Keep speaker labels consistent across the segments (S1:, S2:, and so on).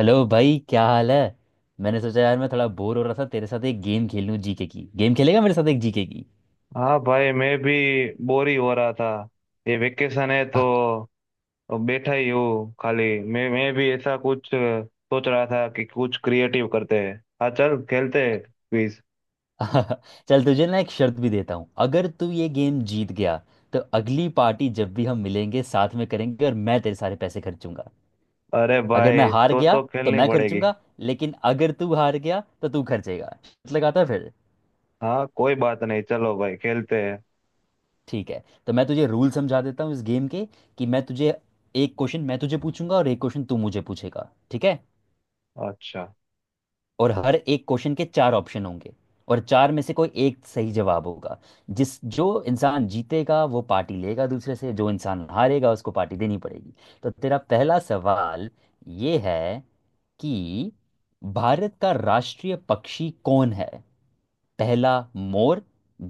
S1: Hello भाई, क्या हाल है। मैंने सोचा यार, मैं थोड़ा बोर हो रहा था, तेरे साथ एक गेम खेल लूं। जीके की गेम खेलेगा मेरे साथ एक जीके की?
S2: हाँ भाई मैं भी बोर ही हो रहा था। ये वेकेशन है तो बैठा ही हूँ खाली। मैं भी ऐसा कुछ सोच रहा था कि कुछ क्रिएटिव करते हैं। हाँ चल खेलते हैं क्विज।
S1: चल तुझे ना एक शर्त भी देता हूँ। अगर तू ये गेम जीत गया तो अगली पार्टी जब भी हम मिलेंगे साथ में करेंगे और मैं तेरे सारे पैसे खर्चूंगा।
S2: अरे
S1: अगर मैं
S2: भाई
S1: हार
S2: तो
S1: गया
S2: तो
S1: तो
S2: खेलनी
S1: मैं
S2: पड़ेगी।
S1: खर्चूंगा, लेकिन अगर तू हार गया तो तू खर्चेगा। शर्त लगाता है फिर?
S2: हाँ कोई बात नहीं, चलो भाई खेलते हैं।
S1: ठीक है, तो मैं तुझे रूल समझा देता हूँ इस गेम के, कि मैं तुझे एक क्वेश्चन मैं तुझे पूछूंगा और एक क्वेश्चन तू मुझे पूछेगा, ठीक है?
S2: अच्छा।
S1: और हर एक क्वेश्चन के चार ऑप्शन होंगे, और चार में से कोई एक सही जवाब होगा। जिस जो इंसान जीतेगा वो पार्टी लेगा दूसरे से, जो इंसान हारेगा उसको पार्टी देनी पड़ेगी। तो तेरा पहला सवाल ये है कि भारत का राष्ट्रीय पक्षी कौन है? पहला, मोर।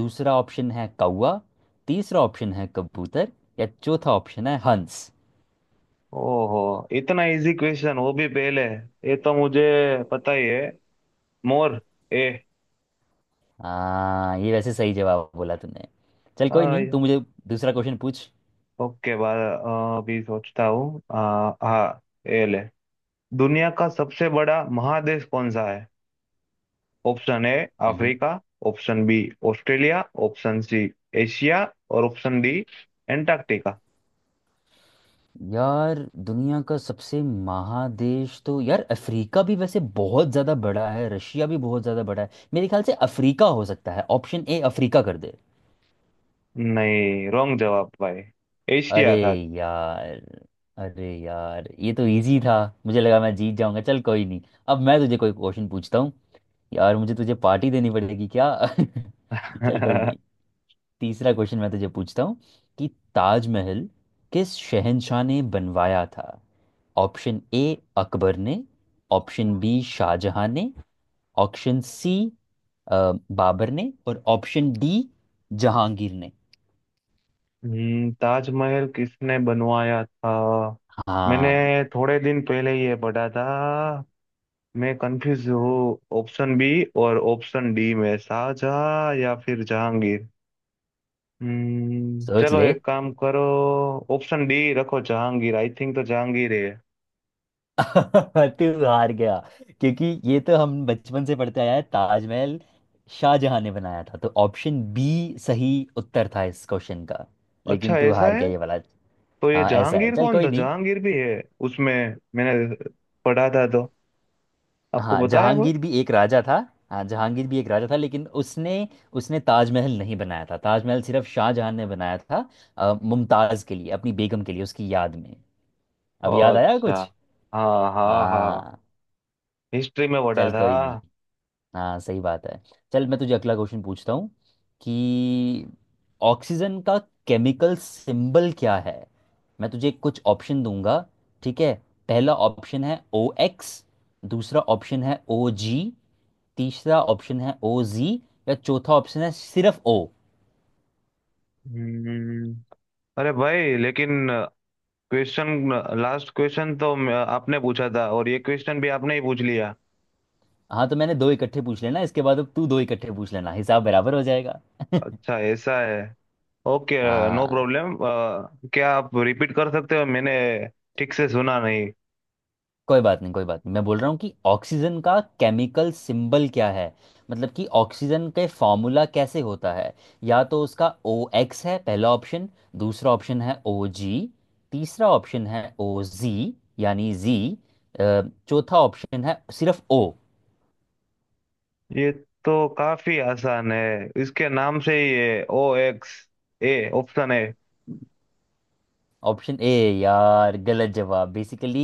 S1: दूसरा ऑप्शन है कौवा। तीसरा ऑप्शन है कबूतर। या चौथा ऑप्शन है हंस।
S2: ओहो, इतना इजी क्वेश्चन, वो भी पहले। ये तो मुझे पता ही है, मोर। ए।
S1: हाँ, ये वैसे सही जवाब बोला तूने। चल कोई नहीं,
S2: हाँ।
S1: तू मुझे दूसरा क्वेश्चन पूछ।
S2: ओके बार, अभी सोचता हूँ। हाँ हाँ, ये ले। दुनिया का सबसे बड़ा महादेश कौन सा है? Option A
S1: hmm.
S2: Africa, option B Australia, option C Asia, और ऑप्शन डी एंटार्क्टिका।
S1: यार, दुनिया का सबसे महादेश तो यार अफ्रीका भी वैसे बहुत ज्यादा बड़ा है, रशिया भी बहुत ज्यादा बड़ा है, मेरे ख्याल से अफ्रीका हो सकता है। ऑप्शन ए, अफ्रीका कर दे।
S2: नहीं, रॉन्ग जवाब भाई।
S1: अरे
S2: एशिया था।
S1: यार, ये तो इजी था, मुझे लगा मैं जीत जाऊंगा। चल कोई नहीं, अब मैं तुझे कोई क्वेश्चन पूछता हूँ। यार मुझे तुझे पार्टी देनी पड़ेगी क्या? चल कोई नहीं। तीसरा क्वेश्चन मैं तुझे पूछता हूँ कि ताजमहल किस शहंशाह ने बनवाया था? ऑप्शन ए, अकबर ने। ऑप्शन बी, शाहजहां ने। ऑप्शन सी, बाबर ने। और ऑप्शन डी, जहांगीर ने।
S2: ताजमहल किसने बनवाया था? मैंने
S1: हाँ,
S2: थोड़े दिन पहले ये पढ़ा था। मैं कंफ्यूज हूँ, ऑप्शन बी और ऑप्शन डी में, शाहजहां या फिर जहांगीर।
S1: सोच
S2: चलो,
S1: ले।
S2: एक काम करो। ऑप्शन डी रखो, जहांगीर। आई थिंक तो जहांगीर है।
S1: तू हार गया, क्योंकि ये तो हम बचपन से पढ़ते आया है, ताजमहल शाहजहां ने बनाया था। तो ऑप्शन बी सही उत्तर था इस क्वेश्चन का, लेकिन
S2: अच्छा
S1: तू
S2: ऐसा
S1: हार गया
S2: है।
S1: ये वाला।
S2: तो ये
S1: हाँ, ऐसा है।
S2: जहांगीर
S1: चल
S2: कौन
S1: कोई
S2: था?
S1: नहीं।
S2: जहांगीर भी है उसमें? मैंने पढ़ा था, तो आपको
S1: हाँ,
S2: पता है वो।
S1: जहांगीर भी एक राजा था। हाँ जहांगीर भी एक राजा था लेकिन उसने उसने ताजमहल नहीं बनाया था, ताजमहल सिर्फ शाहजहां ने बनाया था, मुमताज के लिए, अपनी बेगम के लिए, उसकी याद में।
S2: ओ
S1: अब याद आया
S2: अच्छा।
S1: कुछ।
S2: हाँ हाँ हाँ,
S1: हाँ,
S2: हिस्ट्री में पढ़ा
S1: चल
S2: था।
S1: कोई नहीं। हाँ, सही बात है। चल मैं तुझे अगला क्वेश्चन पूछता हूँ कि ऑक्सीजन का केमिकल सिंबल क्या है? मैं तुझे कुछ ऑप्शन दूंगा, ठीक है। पहला ऑप्शन है ओ एक्स। दूसरा ऑप्शन है ओ जी। तीसरा ऑप्शन है ओ जी। या चौथा ऑप्शन है सिर्फ ओ।
S2: हम्म। अरे भाई लेकिन क्वेश्चन, लास्ट क्वेश्चन तो आपने पूछा था, और ये क्वेश्चन भी आपने ही पूछ लिया।
S1: हाँ, तो मैंने दो इकट्ठे पूछ लेना, इसके बाद अब तू दो इकट्ठे पूछ लेना, हिसाब बराबर हो जाएगा।
S2: अच्छा ऐसा है। ओके, नो
S1: हाँ।
S2: प्रॉब्लम। क्या आप रिपीट कर सकते हो? मैंने ठीक से सुना नहीं।
S1: कोई बात नहीं, कोई बात नहीं, मैं बोल रहा हूँ कि ऑक्सीजन का केमिकल सिंबल क्या है, मतलब कि ऑक्सीजन के फॉर्मूला कैसे होता है। या तो उसका ओ एक्स है, पहला ऑप्शन। दूसरा ऑप्शन है ओ जी। तीसरा ऑप्शन है ओ जी, यानी जी। चौथा ऑप्शन है सिर्फ ओ।
S2: ये तो काफी आसान है, इसके नाम से ही। ये ओ एक्स, ए ऑप्शन है।
S1: Option A? यार, गलत जवाब। बेसिकली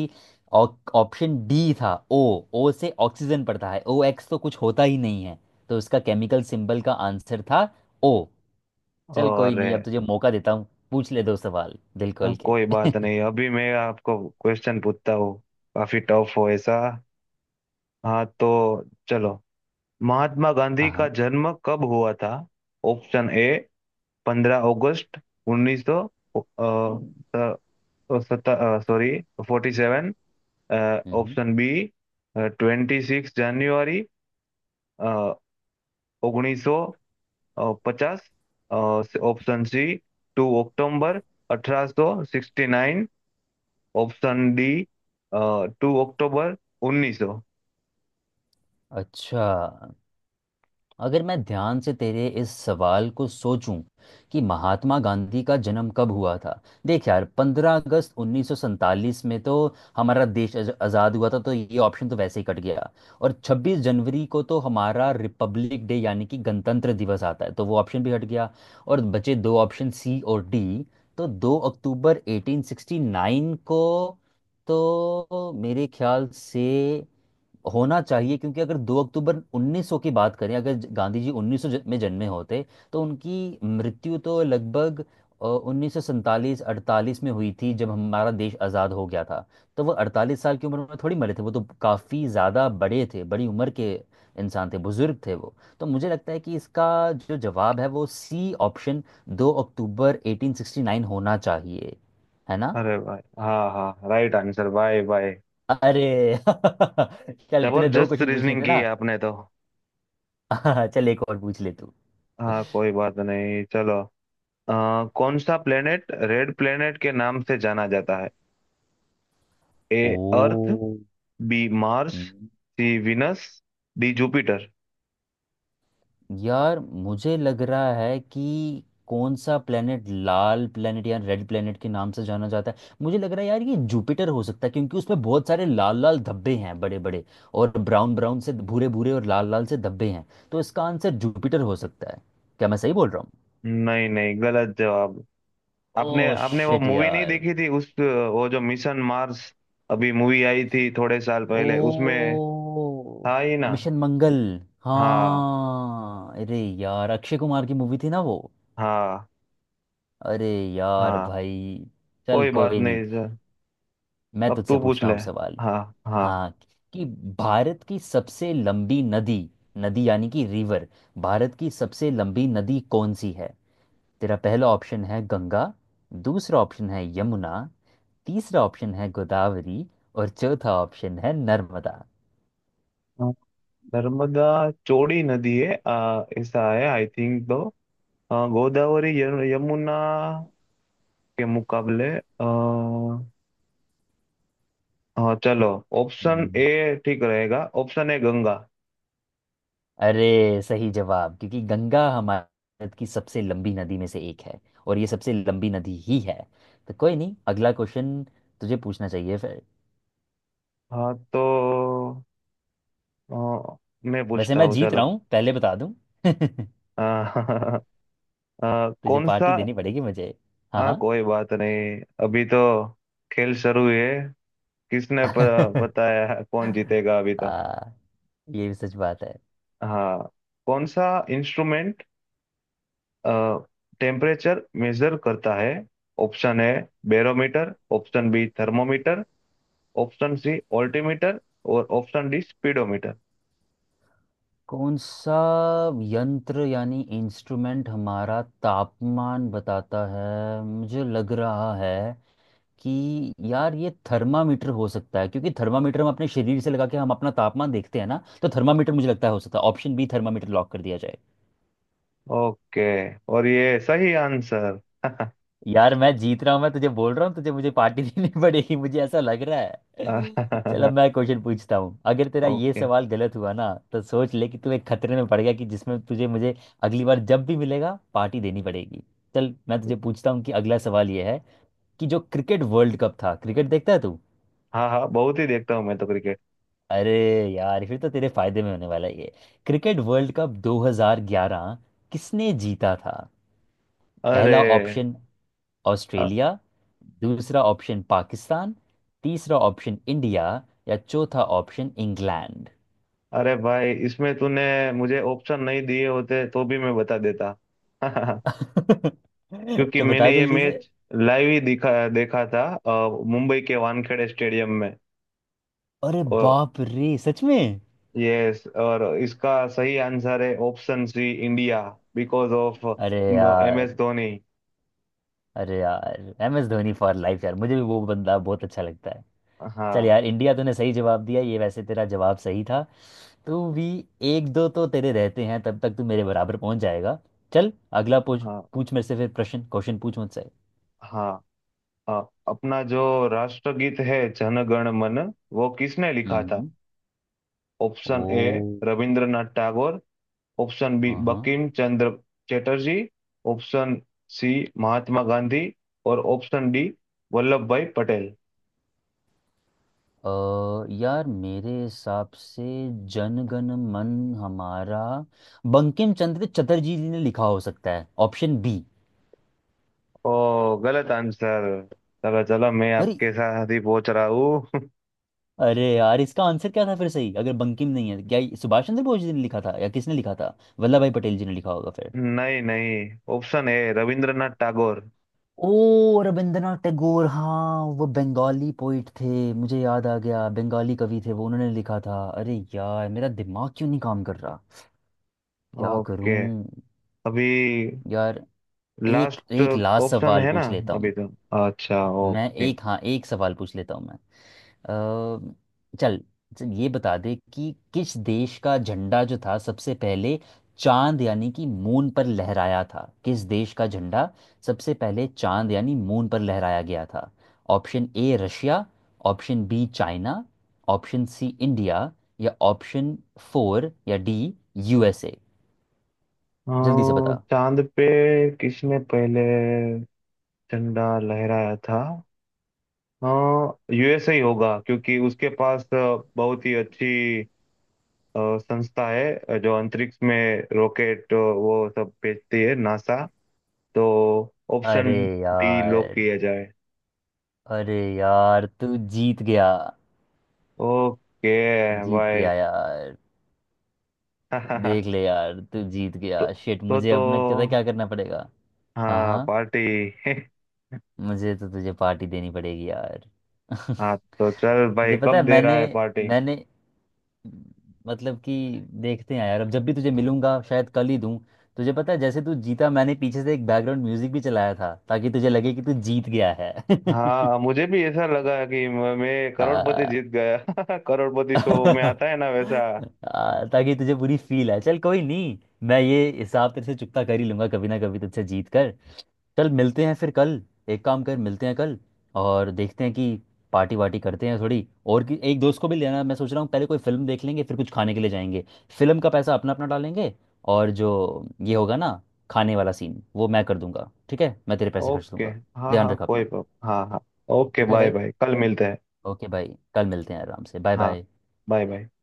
S1: ऑप्शन डी था, ओ। ओ से ऑक्सीजन पड़ता है, ओ एक्स तो कुछ होता ही नहीं है। तो उसका केमिकल सिंबल का आंसर था ओ। चल कोई
S2: और
S1: नहीं, अब तुझे मौका देता हूँ, पूछ ले दो सवाल दिल खोल के।
S2: कोई बात नहीं, अभी मैं आपको क्वेश्चन पूछता हूँ। काफी टफ हो ऐसा। हाँ तो चलो, महात्मा गांधी
S1: हाँ
S2: का
S1: हाँ।
S2: जन्म कब हुआ था? ऑप्शन ए, 15 अगस्त 1900, सॉरी, 40।
S1: हम्म, hmm.
S2: Option B, twenty six January ઓગણીસો પચાસ। ઓપ્શન સી, ટુ ઓક્ટોબર અઠરાસો sixty nine. Option D, two October 1900।
S1: अच्छा, अगर मैं ध्यान से तेरे इस सवाल को सोचूं कि महात्मा गांधी का जन्म कब हुआ था। देख यार, 15 अगस्त 1947 में तो हमारा देश आज़ाद हुआ था, तो ये ऑप्शन तो वैसे ही कट गया। और 26 जनवरी को तो हमारा रिपब्लिक डे यानी कि गणतंत्र दिवस आता है, तो वो ऑप्शन भी हट गया। और बचे दो ऑप्शन, सी और डी। तो 2 अक्टूबर 1869 को, तो मेरे ख्याल से होना चाहिए। क्योंकि अगर 2 अक्टूबर 1900 की बात करें, अगर गांधी जी 1900 में जन्मे होते तो उनकी मृत्यु तो लगभग 1947-48 में हुई थी, जब हमारा देश आज़ाद हो गया था। तो वो 48 साल की उम्र में थोड़ी मरे थे, वो तो काफ़ी ज़्यादा बड़े थे, बड़ी उम्र के इंसान थे, बुजुर्ग थे वो। तो मुझे लगता है कि इसका जो जवाब है वो सी ऑप्शन, 2 अक्टूबर 1869 होना चाहिए, है ना?
S2: अरे भाई, हाँ हाँ, राइट आंसर भाई भाई।
S1: अरे चल, तूने दो
S2: जबरदस्त
S1: क्वेश्चन पूछने
S2: रीजनिंग
S1: थे
S2: की
S1: ना।
S2: है आपने तो।
S1: हाँ, चल एक और पूछ ले तू।
S2: हाँ कोई बात नहीं, चलो। अ, कौन सा प्लेनेट रेड प्लेनेट के नाम से जाना जाता है? A
S1: O.
S2: Earth, B Mars,
S1: hmm,
S2: C Venus, D Jupiter.
S1: यार मुझे लग रहा है कि कौन सा प्लेनेट लाल प्लेनेट या रेड प्लेनेट के नाम से जाना जाता है। मुझे लग रहा है यार ये जुपिटर हो सकता है, क्योंकि उसमें बहुत सारे लाल लाल धब्बे हैं, बड़े बड़े और ब्राउन ब्राउन से भूरे भूरे और लाल लाल से धब्बे हैं। तो इसका आंसर जुपिटर हो सकता है। क्या मैं सही बोल रहा हूँ?
S2: नहीं नहीं, गलत जवाब।
S1: ओ
S2: आपने आपने वो
S1: शिट
S2: मूवी नहीं
S1: यार।
S2: देखी थी, उस, वो जो, मिशन मार्स। अभी मूवी आई थी थोड़े साल पहले, उसमें
S1: ओ।
S2: था ही ना।
S1: मिशन मंगल।
S2: हाँ
S1: हाँ अरे यार, अक्षय कुमार की मूवी थी ना वो।
S2: हाँ।
S1: अरे यार
S2: हाँ
S1: भाई। चल
S2: कोई बात
S1: कोई नहीं।
S2: नहीं सर।
S1: मैं
S2: अब
S1: तुझसे
S2: तू पूछ
S1: पूछता
S2: ले।
S1: हूँ अब सवाल,
S2: हाँ हाँ।
S1: हाँ, कि भारत की सबसे लंबी नदी, नदी यानी कि रिवर, भारत की सबसे लंबी नदी कौन सी है? तेरा पहला ऑप्शन है गंगा। दूसरा ऑप्शन है यमुना। तीसरा ऑप्शन है गोदावरी। और चौथा ऑप्शन है नर्मदा।
S2: हाँ, नर्मदा चौड़ी नदी है। ऐसा है, आई थिंक तो गोदावरी, यमुना के मुकाबले। आ, हाँ चलो, ऑप्शन ए ठीक रहेगा। Option A Ganga.
S1: अरे सही जवाब, क्योंकि गंगा हमारे भारत की सबसे लंबी नदी में से एक है, और ये सबसे लंबी नदी ही है। तो कोई नहीं, अगला क्वेश्चन तुझे पूछना चाहिए फिर।
S2: हाँ तो अ, मैं
S1: वैसे
S2: पूछता
S1: मैं
S2: हूँ,
S1: जीत रहा
S2: चलो।
S1: हूँ पहले बता दूं।
S2: अ,
S1: तुझे
S2: कौन
S1: पार्टी
S2: सा।
S1: देनी पड़ेगी मुझे।
S2: हाँ
S1: हाँ
S2: कोई बात नहीं, अभी तो खेल शुरू हुई है। किसने
S1: हाँ।
S2: बताया है कौन जीतेगा अभी तो?
S1: आ, ये भी सच बात है।
S2: हाँ, कौन सा इंस्ट्रूमेंट टेम्परेचर मेजर करता है? ऑप्शन है barometer, option B thermometer, option C altimeter, और ऑप्शन डी स्पीडोमीटर।
S1: कौन सा यंत्र यानी इंस्ट्रूमेंट हमारा तापमान बताता है? मुझे लग रहा है कि यार ये थर्मामीटर हो सकता है, क्योंकि थर्मामीटर हम अपने शरीर से लगा के हम अपना तापमान देखते हैं ना, तो थर्मामीटर मुझे लगता है हो सकता है। ऑप्शन बी थर्मामीटर लॉक कर दिया जाए।
S2: ओके, और ये सही आंसर।
S1: यार मैं जीत रहा हूँ, मैं तुझे बोल रहा हूँ, तुझे मुझे पार्टी देनी पड़ेगी, मुझे ऐसा लग रहा है। चलो मैं क्वेश्चन पूछता हूँ। अगर तेरा ये
S2: ओके।
S1: सवाल गलत हुआ ना तो सोच ले कि तू एक खतरे में पड़ गया, कि जिसमें तुझे मुझे अगली बार जब भी मिलेगा पार्टी देनी पड़ेगी। चल मैं तुझे पूछता हूँ कि अगला सवाल ये है कि जो क्रिकेट वर्ल्ड कप था, क्रिकेट देखता है तू?
S2: हाँ हाँ, बहुत ही देखता हूँ मैं तो क्रिकेट।
S1: अरे यार, फिर तो तेरे फायदे में होने वाला है ये। क्रिकेट वर्ल्ड कप 2011 किसने जीता था?
S2: अरे
S1: पहला ऑप्शन
S2: अ-
S1: ऑस्ट्रेलिया। दूसरा ऑप्शन पाकिस्तान। तीसरा ऑप्शन इंडिया। या चौथा ऑप्शन इंग्लैंड।
S2: अरे भाई, इसमें तूने मुझे ऑप्शन नहीं दिए होते तो भी मैं बता देता। क्योंकि
S1: तो बता
S2: मैंने ये
S1: जल्दी से।
S2: मैच लाइव ही दिखा देखा था, मुंबई के वानखेड़े स्टेडियम में।
S1: अरे
S2: और
S1: बाप रे, सच में?
S2: यस, और इसका सही आंसर है option C India, because of
S1: अरे
S2: एम एस
S1: यार,
S2: Dhoni
S1: M S Dhoni for life यार, मुझे भी वो बंदा बहुत अच्छा लगता है। चल
S2: हाँ
S1: यार, इंडिया, तूने सही जवाब दिया, ये वैसे तेरा जवाब सही था तो भी। एक दो तो तेरे रहते हैं, तब तक तू मेरे बराबर पहुंच जाएगा। चल अगला पूछ,
S2: हाँ
S1: पूछ मेरे से फिर, प्रश्न क्वेश्चन पूछ मुझसे।
S2: हाँ। अ, अपना जो राष्ट्रगीत है जनगण मन, वो किसने लिखा था?
S1: हम्म
S2: option A
S1: O.
S2: Rabindranath Tagore, option B
S1: हाँ हाँ।
S2: बंकिम चंद्र चटर्जी, ऑप्शन सी महात्मा गांधी, और ऑप्शन डी वल्लभ भाई पटेल।
S1: यार मेरे हिसाब से जनगण मन हमारा बंकिम चंद्र चटर्जी जी ने लिखा हो सकता है, ऑप्शन बी।
S2: ओ, गलत आंसर। चलो चलो, मैं
S1: अरे,
S2: आपके साथ ही पहुंच रहा हूँ।
S1: अरे यार इसका आंसर क्या था फिर सही, अगर बंकिम नहीं है? क्या ये सुभाष चंद्र बोस जी ने लिखा था, या किसने लिखा था, वल्लभ भाई पटेल जी ने लिखा होगा फिर?
S2: नहीं नहीं, option A Rabindranath Tagore.
S1: O, Rabindranath Tagore. हाँ, वो बंगाली पोइट थे, मुझे याद आ गया, बंगाली कवि थे वो, उन्होंने लिखा था। अरे यार, मेरा दिमाग क्यों नहीं काम कर रहा, क्या
S2: ओके,
S1: करूं।
S2: अभी
S1: यार, एक
S2: लास्ट
S1: एक लास्ट
S2: ऑप्शन
S1: सवाल
S2: है ना,
S1: पूछ लेता
S2: अभी
S1: हूँ
S2: तो। अच्छा,
S1: मैं।
S2: ओके।
S1: एक सवाल पूछ लेता हूँ मैं। चल, चल ये बता दे कि किस देश का झंडा जो था सबसे पहले चांद यानी कि मून पर लहराया था? किस देश का झंडा सबसे पहले चांद यानी मून पर लहराया गया था? Option A Russia. Option B China. Option C India. या ऑप्शन फोर या डी यूएसए।
S2: अ,
S1: जल्दी से बता।
S2: चांद पे किसने पहले झंडा लहराया था? यूएसए ही होगा, क्योंकि उसके पास बहुत ही अच्छी संस्था है, जो अंतरिक्ष में रॉकेट वो सब भेजती है, नासा। तो ऑप्शन
S1: अरे
S2: डी लॉक
S1: यार,
S2: किया जाए।
S1: तू जीत गया।
S2: ओके
S1: तू जीत
S2: भाई।
S1: गया यार। देख ले यार, तू जीत
S2: तो
S1: गया। शिट,
S2: तो
S1: मुझे
S2: तो
S1: अब ना पता क्या करना पड़ेगा। हाँ
S2: हाँ,
S1: हाँ,
S2: पार्टी।
S1: मुझे तो तुझे पार्टी देनी पड़ेगी यार।
S2: हाँ तो चल भाई,
S1: तुझे पता है
S2: कब दे
S1: मैंने
S2: रहा है पार्टी?
S1: मैंने मतलब कि देखते हैं यार, अब जब भी तुझे मिलूंगा शायद कल ही दूं। तुझे पता है जैसे तू जीता, मैंने पीछे से एक बैकग्राउंड म्यूजिक भी चलाया था ताकि तुझे लगे कि तू जीत गया है।
S2: हाँ मुझे भी ऐसा लगा कि मैं करोड़पति
S1: आ,
S2: जीत गया। करोड़पति शो में
S1: आ,
S2: आता है ना, वैसा।
S1: ताकि तुझे पूरी फील आए। चल कोई नहीं, मैं ये हिसाब तेरे से चुकता कर ही लूंगा, कभी ना कभी तुझसे जीत कर। चल मिलते हैं फिर कल। एक काम कर मिलते हैं कल और देखते हैं कि पार्टी वार्टी करते हैं थोड़ी, और कि एक दोस्त को भी लेना है। मैं सोच रहा हूँ पहले कोई फिल्म देख लेंगे, फिर कुछ खाने के लिए जाएंगे। फिल्म का पैसा अपना अपना डालेंगे, और जो ये होगा ना खाने वाला सीन वो मैं कर दूंगा। ठीक है, मैं तेरे पैसे खर्च
S2: ओके,
S1: दूंगा।
S2: हाँ
S1: ध्यान
S2: हाँ,
S1: रख
S2: कोई
S1: अपना।
S2: प्रॉब्लम, हाँ हाँ। ओके
S1: ठीक है
S2: बाय
S1: भाई,
S2: बाय, कल मिलते हैं।
S1: ओके भाई, कल मिलते हैं, आराम से, बाय
S2: हाँ,
S1: बाय।
S2: Bye bye.